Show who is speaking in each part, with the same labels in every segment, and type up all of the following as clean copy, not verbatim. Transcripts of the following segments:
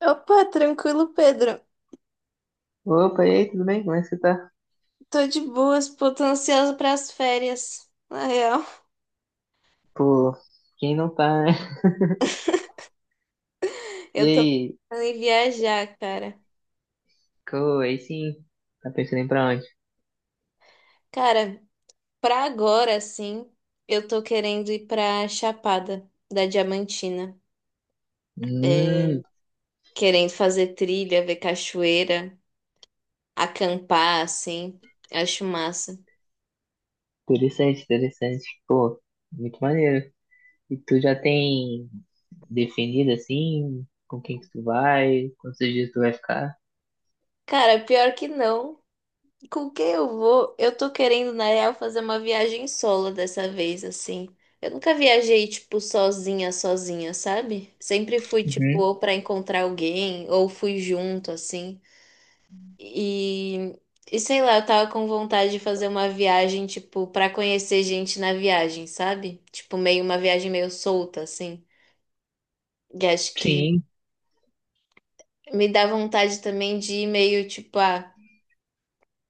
Speaker 1: Opa, tranquilo, Pedro.
Speaker 2: Opa, e aí, tudo bem? Como é que você tá?
Speaker 1: Tô de boas, pô, tô ansiosa pras férias. Na real,
Speaker 2: Pô, quem não tá, né? E
Speaker 1: eu tô
Speaker 2: aí,
Speaker 1: pensando em viajar, cara.
Speaker 2: aí sim, tá pensando em ir pra onde?
Speaker 1: Cara, pra agora, sim, eu tô querendo ir pra Chapada da Diamantina.
Speaker 2: Hum,
Speaker 1: Querendo fazer trilha, ver cachoeira, acampar, assim. Acho massa.
Speaker 2: interessante, interessante. Pô, muito maneiro. E tu já tem definido, assim, com quem que tu vai, quantos dias tu vai ficar?
Speaker 1: Cara, pior que não. Com quem eu vou? Eu tô querendo, na real, fazer uma viagem solo dessa vez, assim. Eu nunca viajei, tipo, sozinha, sozinha, sabe? Sempre fui, tipo,
Speaker 2: Uhum,
Speaker 1: ou pra encontrar alguém, ou fui junto, assim. E, e sei lá, eu tava com vontade de fazer uma viagem, tipo, pra conhecer gente na viagem, sabe? Tipo, meio uma viagem meio solta, assim. E acho que
Speaker 2: sim.
Speaker 1: me dá vontade também de ir meio, tipo, ah,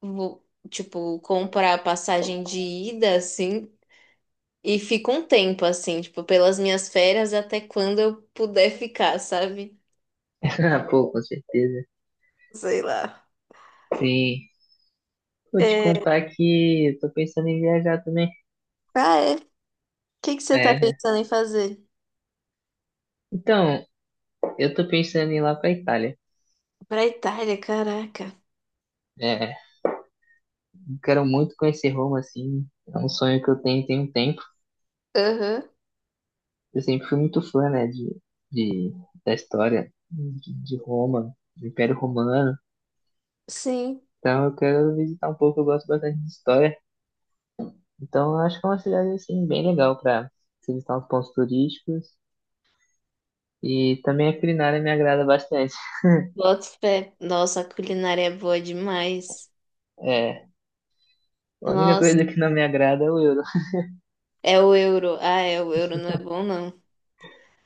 Speaker 1: vou, tipo, comprar passagem de ida, assim. E fico um tempo assim, tipo, pelas minhas férias até quando eu puder ficar, sabe?
Speaker 2: Ah, pô, com certeza.
Speaker 1: Sei lá.
Speaker 2: Sim. Vou te
Speaker 1: É...
Speaker 2: contar que eu tô pensando em viajar também.
Speaker 1: Ah, é? O que que você tá
Speaker 2: É.
Speaker 1: pensando em fazer?
Speaker 2: Então, eu tô pensando em ir lá pra Itália.
Speaker 1: Pra Itália, caraca.
Speaker 2: É. Quero muito conhecer Roma, assim. É um sonho que eu tenho tem um tempo.
Speaker 1: Aham,
Speaker 2: Eu sempre fui muito fã, né, de, da história de Roma, do Império Romano.
Speaker 1: sim.
Speaker 2: Então eu quero visitar um pouco, eu gosto bastante de história. Então eu acho que é uma cidade, assim, bem legal para visitar os pontos turísticos. E também a culinária me agrada bastante.
Speaker 1: Boto fé. Nossa, a culinária é boa demais.
Speaker 2: É, a única
Speaker 1: Nossa,
Speaker 2: coisa que não me agrada é o euro.
Speaker 1: é o euro. Ah, é, o euro não é bom, não.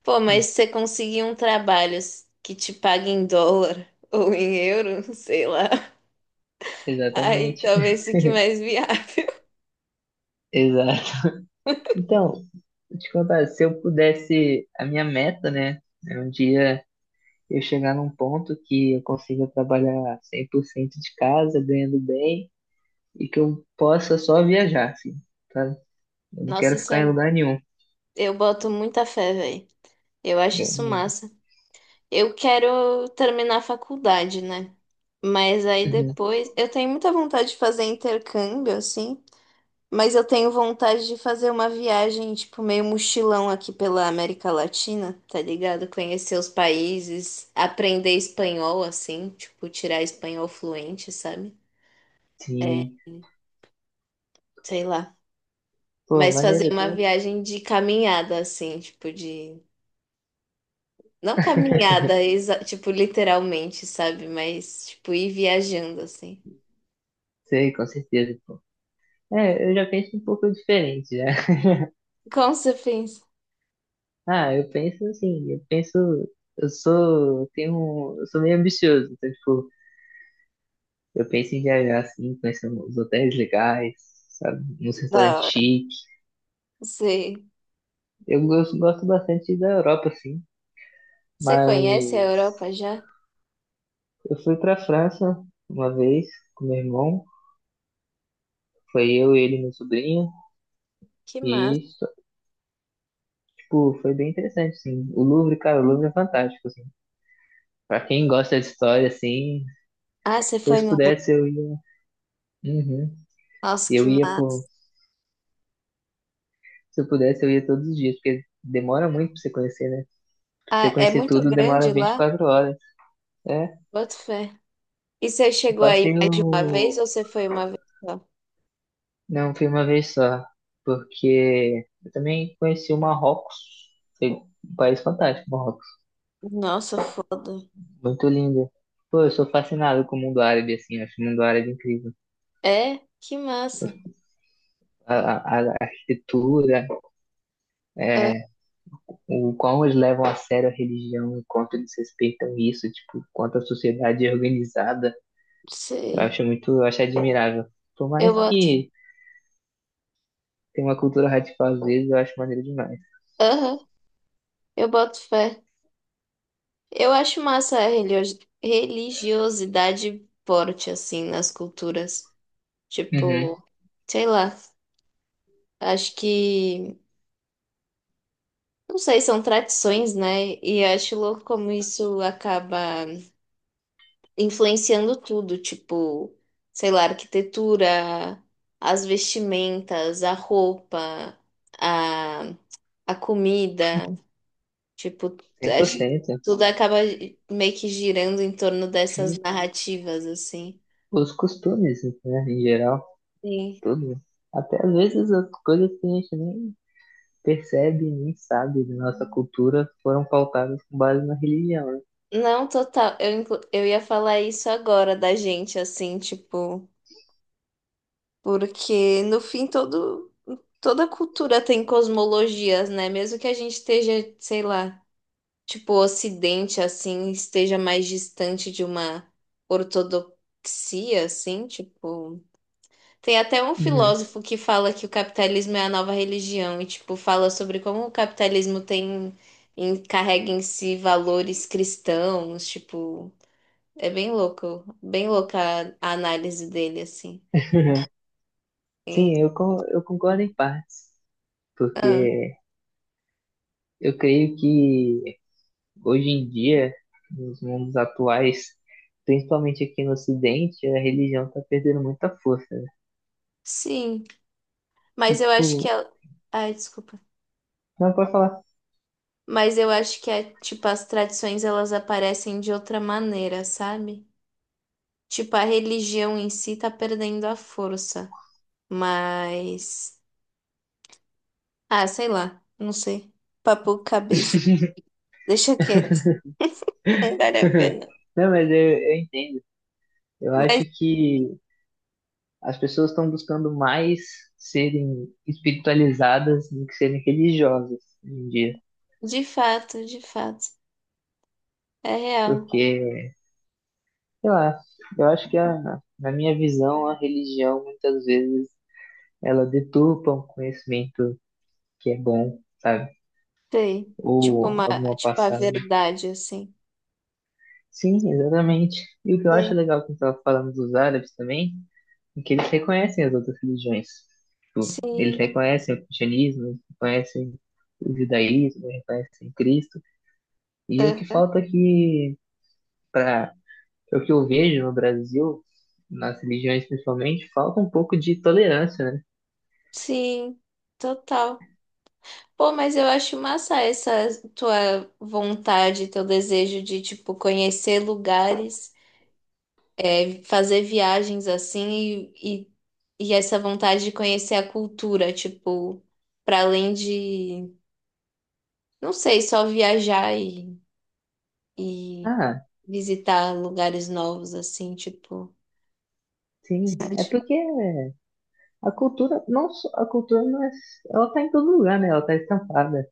Speaker 1: Pô, mas se você conseguir um trabalho que te pague em dólar ou em euro, sei lá. Aí
Speaker 2: Exatamente.
Speaker 1: talvez fique mais viável.
Speaker 2: Exato. Então, vou te contar, se eu pudesse, a minha meta, né, é um dia eu chegar num ponto que eu consiga trabalhar 100% de casa, ganhando bem, e que eu possa só viajar, assim, sabe? Eu não
Speaker 1: Nossa,
Speaker 2: quero
Speaker 1: isso é.
Speaker 2: ficar em lugar nenhum.
Speaker 1: Eu boto muita fé, velho. Eu acho isso
Speaker 2: Eu-
Speaker 1: massa. Eu quero terminar a faculdade, né? Mas aí
Speaker 2: uhum.
Speaker 1: depois. Eu tenho muita vontade de fazer intercâmbio, assim. Mas eu tenho vontade de fazer uma viagem, tipo, meio mochilão aqui pela América Latina, tá ligado? Conhecer os países, aprender espanhol, assim. Tipo, tirar espanhol fluente, sabe?
Speaker 2: Sim.
Speaker 1: Sei lá.
Speaker 2: Pô,
Speaker 1: Mas fazer
Speaker 2: maneiro
Speaker 1: uma
Speaker 2: também.
Speaker 1: viagem de caminhada, assim, tipo, de. Não caminhada, tipo, literalmente, sabe? Mas, tipo, ir viajando, assim.
Speaker 2: Sei, com certeza, pô. É, eu já penso um pouco diferente, né?
Speaker 1: Como você pensa?
Speaker 2: Ah, eu penso assim, eu sou meio ambicioso, então, tipo, eu penso em viajar assim, conhecer uns hotéis legais, sabe, uns
Speaker 1: Da
Speaker 2: restaurantes
Speaker 1: hora.
Speaker 2: chiques.
Speaker 1: Você,
Speaker 2: Eu gosto bastante da Europa, assim.
Speaker 1: você conhece a
Speaker 2: Mas
Speaker 1: Europa já?
Speaker 2: eu fui para a França uma vez com meu irmão. Foi eu, ele e meu sobrinho.
Speaker 1: Que massa.
Speaker 2: E, só, tipo, foi bem interessante, assim. O Louvre, cara, o Louvre é fantástico, assim. Pra quem gosta de história, assim,
Speaker 1: Ah, você
Speaker 2: se
Speaker 1: foi
Speaker 2: eu
Speaker 1: no... Lu-.
Speaker 2: pudesse, eu ia. Uhum.
Speaker 1: Nossa, que
Speaker 2: Eu ia por...
Speaker 1: massa.
Speaker 2: Se eu pudesse, eu ia todos os dias, porque demora muito pra você conhecer, né? Pra você
Speaker 1: Ah, é
Speaker 2: conhecer
Speaker 1: muito
Speaker 2: tudo,
Speaker 1: grande
Speaker 2: demora vinte e
Speaker 1: lá?
Speaker 2: quatro horas. É,
Speaker 1: Boto fé. E você
Speaker 2: eu
Speaker 1: chegou aí
Speaker 2: passei
Speaker 1: mais de uma vez
Speaker 2: no...
Speaker 1: ou você foi uma vez só?
Speaker 2: não, fui uma vez só. Porque eu também conheci o Marrocos. Foi um país fantástico, Marrocos.
Speaker 1: Nossa, foda.
Speaker 2: Muito linda. Pô, eu sou fascinado com o mundo árabe, assim, eu acho o mundo árabe incrível.
Speaker 1: É? Que massa.
Speaker 2: A, a arquitetura,
Speaker 1: Ah,
Speaker 2: é, o como eles levam a sério a religião, o quanto eles respeitam isso, tipo, quanto a sociedade é organizada,
Speaker 1: sei.
Speaker 2: eu acho admirável. Por
Speaker 1: Eu
Speaker 2: mais
Speaker 1: boto...
Speaker 2: que tenha uma cultura radical às vezes, eu acho maneiro demais.
Speaker 1: Aham, eu boto fé. Eu acho massa a religiosidade forte, assim, nas culturas.
Speaker 2: Uhum,
Speaker 1: Tipo, sei lá, acho que, não sei, são tradições, né? E acho louco como isso acaba influenciando tudo, tipo, sei lá, a arquitetura, as vestimentas, a roupa, a, a comida, tipo, acho que
Speaker 2: 100%.
Speaker 1: tudo acaba meio que girando em torno dessas
Speaker 2: E
Speaker 1: narrativas, assim.
Speaker 2: os costumes, né, em geral,
Speaker 1: Sim.
Speaker 2: tudo. Até às vezes as coisas que a gente nem percebe nem sabe de nossa cultura foram pautadas com base na religião, né?
Speaker 1: Não, total. Eu, eu ia falar isso agora da gente, assim, tipo, porque no fim todo, toda cultura tem cosmologias, né? Mesmo que a gente esteja, sei lá, tipo, o Ocidente, assim, esteja mais distante de uma ortodoxia, assim, tipo. Tem até um
Speaker 2: Uhum.
Speaker 1: filósofo que fala que o capitalismo é a nova religião e, tipo, fala sobre como o capitalismo tem, carrega em si valores cristãos, tipo. É bem louco, bem louca a análise dele, assim.
Speaker 2: Sim,
Speaker 1: Então,
Speaker 2: eu, eu concordo em partes, porque eu creio que hoje em dia, nos mundos atuais, principalmente aqui no Ocidente, a religião tá perdendo muita força, né?
Speaker 1: sim,
Speaker 2: E,
Speaker 1: mas eu acho que
Speaker 2: tipo,
Speaker 1: ela... Ai, desculpa.
Speaker 2: não pode falar.
Speaker 1: Mas eu acho que, é, tipo, as tradições, elas aparecem de outra maneira, sabe? Tipo, a religião em si tá perdendo a força, mas... Ah, sei lá, não sei. Papo cabeça. Deixa quieto, não vale a pena.
Speaker 2: Não, mas eu entendo. Eu acho
Speaker 1: Mas,
Speaker 2: que as pessoas estão buscando mais serem espiritualizadas do que serem religiosas hoje em dia,
Speaker 1: de fato, é real.
Speaker 2: porque sei lá, eu acho que na minha visão, a religião muitas vezes ela deturpa um conhecimento que é bom, sabe?
Speaker 1: Sei.
Speaker 2: Ou
Speaker 1: Tipo, uma...
Speaker 2: alguma
Speaker 1: tipo a
Speaker 2: passagem.
Speaker 1: verdade, assim.
Speaker 2: Sim, exatamente. E o que eu
Speaker 1: Sei.
Speaker 2: acho legal quando estava falando dos árabes também, é que eles reconhecem as outras religiões. Tipo, eles
Speaker 1: Sim,
Speaker 2: reconhecem o cristianismo, eles reconhecem o judaísmo, eles reconhecem Cristo. E o que
Speaker 1: aham,
Speaker 2: falta aqui, para o que eu vejo no Brasil, nas religiões principalmente, falta um pouco de tolerância, né?
Speaker 1: sim, total. Pô, mas eu acho massa essa tua vontade, teu desejo de, tipo, conhecer lugares, é, fazer viagens assim e essa vontade de conhecer a cultura, tipo, para além de, não sei, só viajar e
Speaker 2: Ah,
Speaker 1: visitar lugares novos, assim, tipo.
Speaker 2: sim, é
Speaker 1: Acho-.
Speaker 2: porque a cultura, a cultura não é, ela tá em todo lugar, né? Ela tá estampada.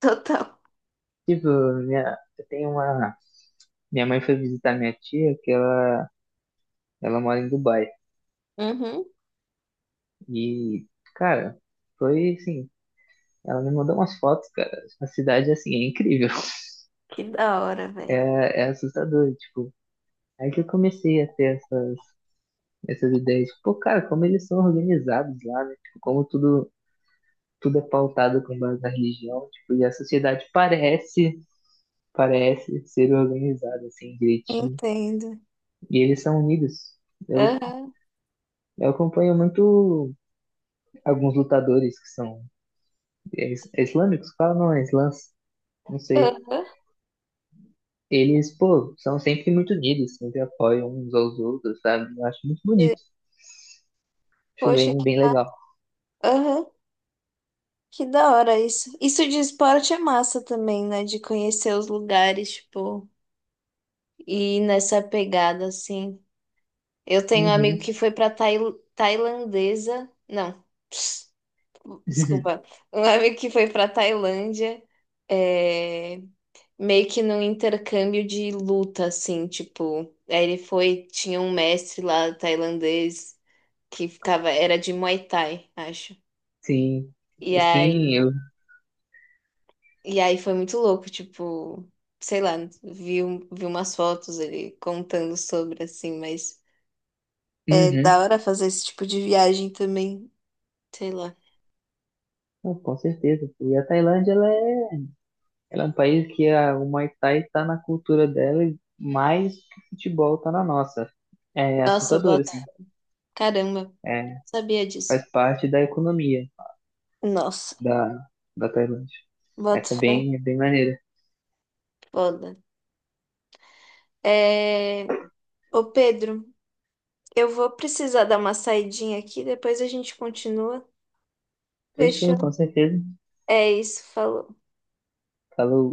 Speaker 1: Total.
Speaker 2: Tipo, minha, eu tenho uma, minha mãe foi visitar minha tia, que ela mora em Dubai.
Speaker 1: Uhum.
Speaker 2: E, cara, foi assim, ela me mandou umas fotos, cara. A cidade, assim, é incrível.
Speaker 1: Que da hora, velho.
Speaker 2: É, é assustador, tipo. Aí que eu comecei a ter essas ideias, tipo, pô, cara, como eles são organizados lá, né? Tipo, como tudo, tudo é pautado com base na religião, tipo, e a sociedade parece ser organizado assim direitinho.
Speaker 1: Entendo.
Speaker 2: E eles são unidos. Eu,
Speaker 1: Aham,
Speaker 2: eu acompanho muito alguns lutadores que são islâmicos, fala não, é islãs, não sei.
Speaker 1: aham.
Speaker 2: Eles, pô, são sempre muito unidos, sempre apoiam uns aos outros, sabe? Eu acho muito bonito. Acho
Speaker 1: Poxa,
Speaker 2: bem legal.
Speaker 1: aham, que da hora isso. Isso de esporte é massa também, né? De conhecer os lugares, tipo, e ir nessa pegada, assim. Eu tenho um amigo
Speaker 2: Uhum,
Speaker 1: que foi pra tailandesa. Não, desculpa. Um amigo que foi pra Tailândia, é, meio que num intercâmbio de luta, assim, tipo. Aí ele foi, tinha um mestre lá tailandês que ficava, era de Muay Thai, acho.
Speaker 2: sim.
Speaker 1: E aí.
Speaker 2: Sim, eu.
Speaker 1: E aí foi muito louco, tipo, sei lá, vi umas fotos ele contando sobre, assim, mas é da
Speaker 2: Uhum.
Speaker 1: hora fazer esse tipo de viagem também, sei lá.
Speaker 2: Pô, com certeza. E a Tailândia, ela é um país que o Muay Thai está na cultura dela mais do que o futebol está na nossa. É
Speaker 1: Nossa, eu
Speaker 2: assustador,
Speaker 1: boto.
Speaker 2: assim.
Speaker 1: Caramba, não
Speaker 2: É,
Speaker 1: sabia disso.
Speaker 2: faz parte da economia
Speaker 1: Nossa,
Speaker 2: da, da Tailândia. É,
Speaker 1: boto fé,
Speaker 2: é bem maneiro.
Speaker 1: foda. É... Ô Pedro, eu vou precisar dar uma saidinha aqui, depois a gente continua.
Speaker 2: Fechou,
Speaker 1: Fechou?
Speaker 2: com certeza.
Speaker 1: É isso, falou.
Speaker 2: Falou.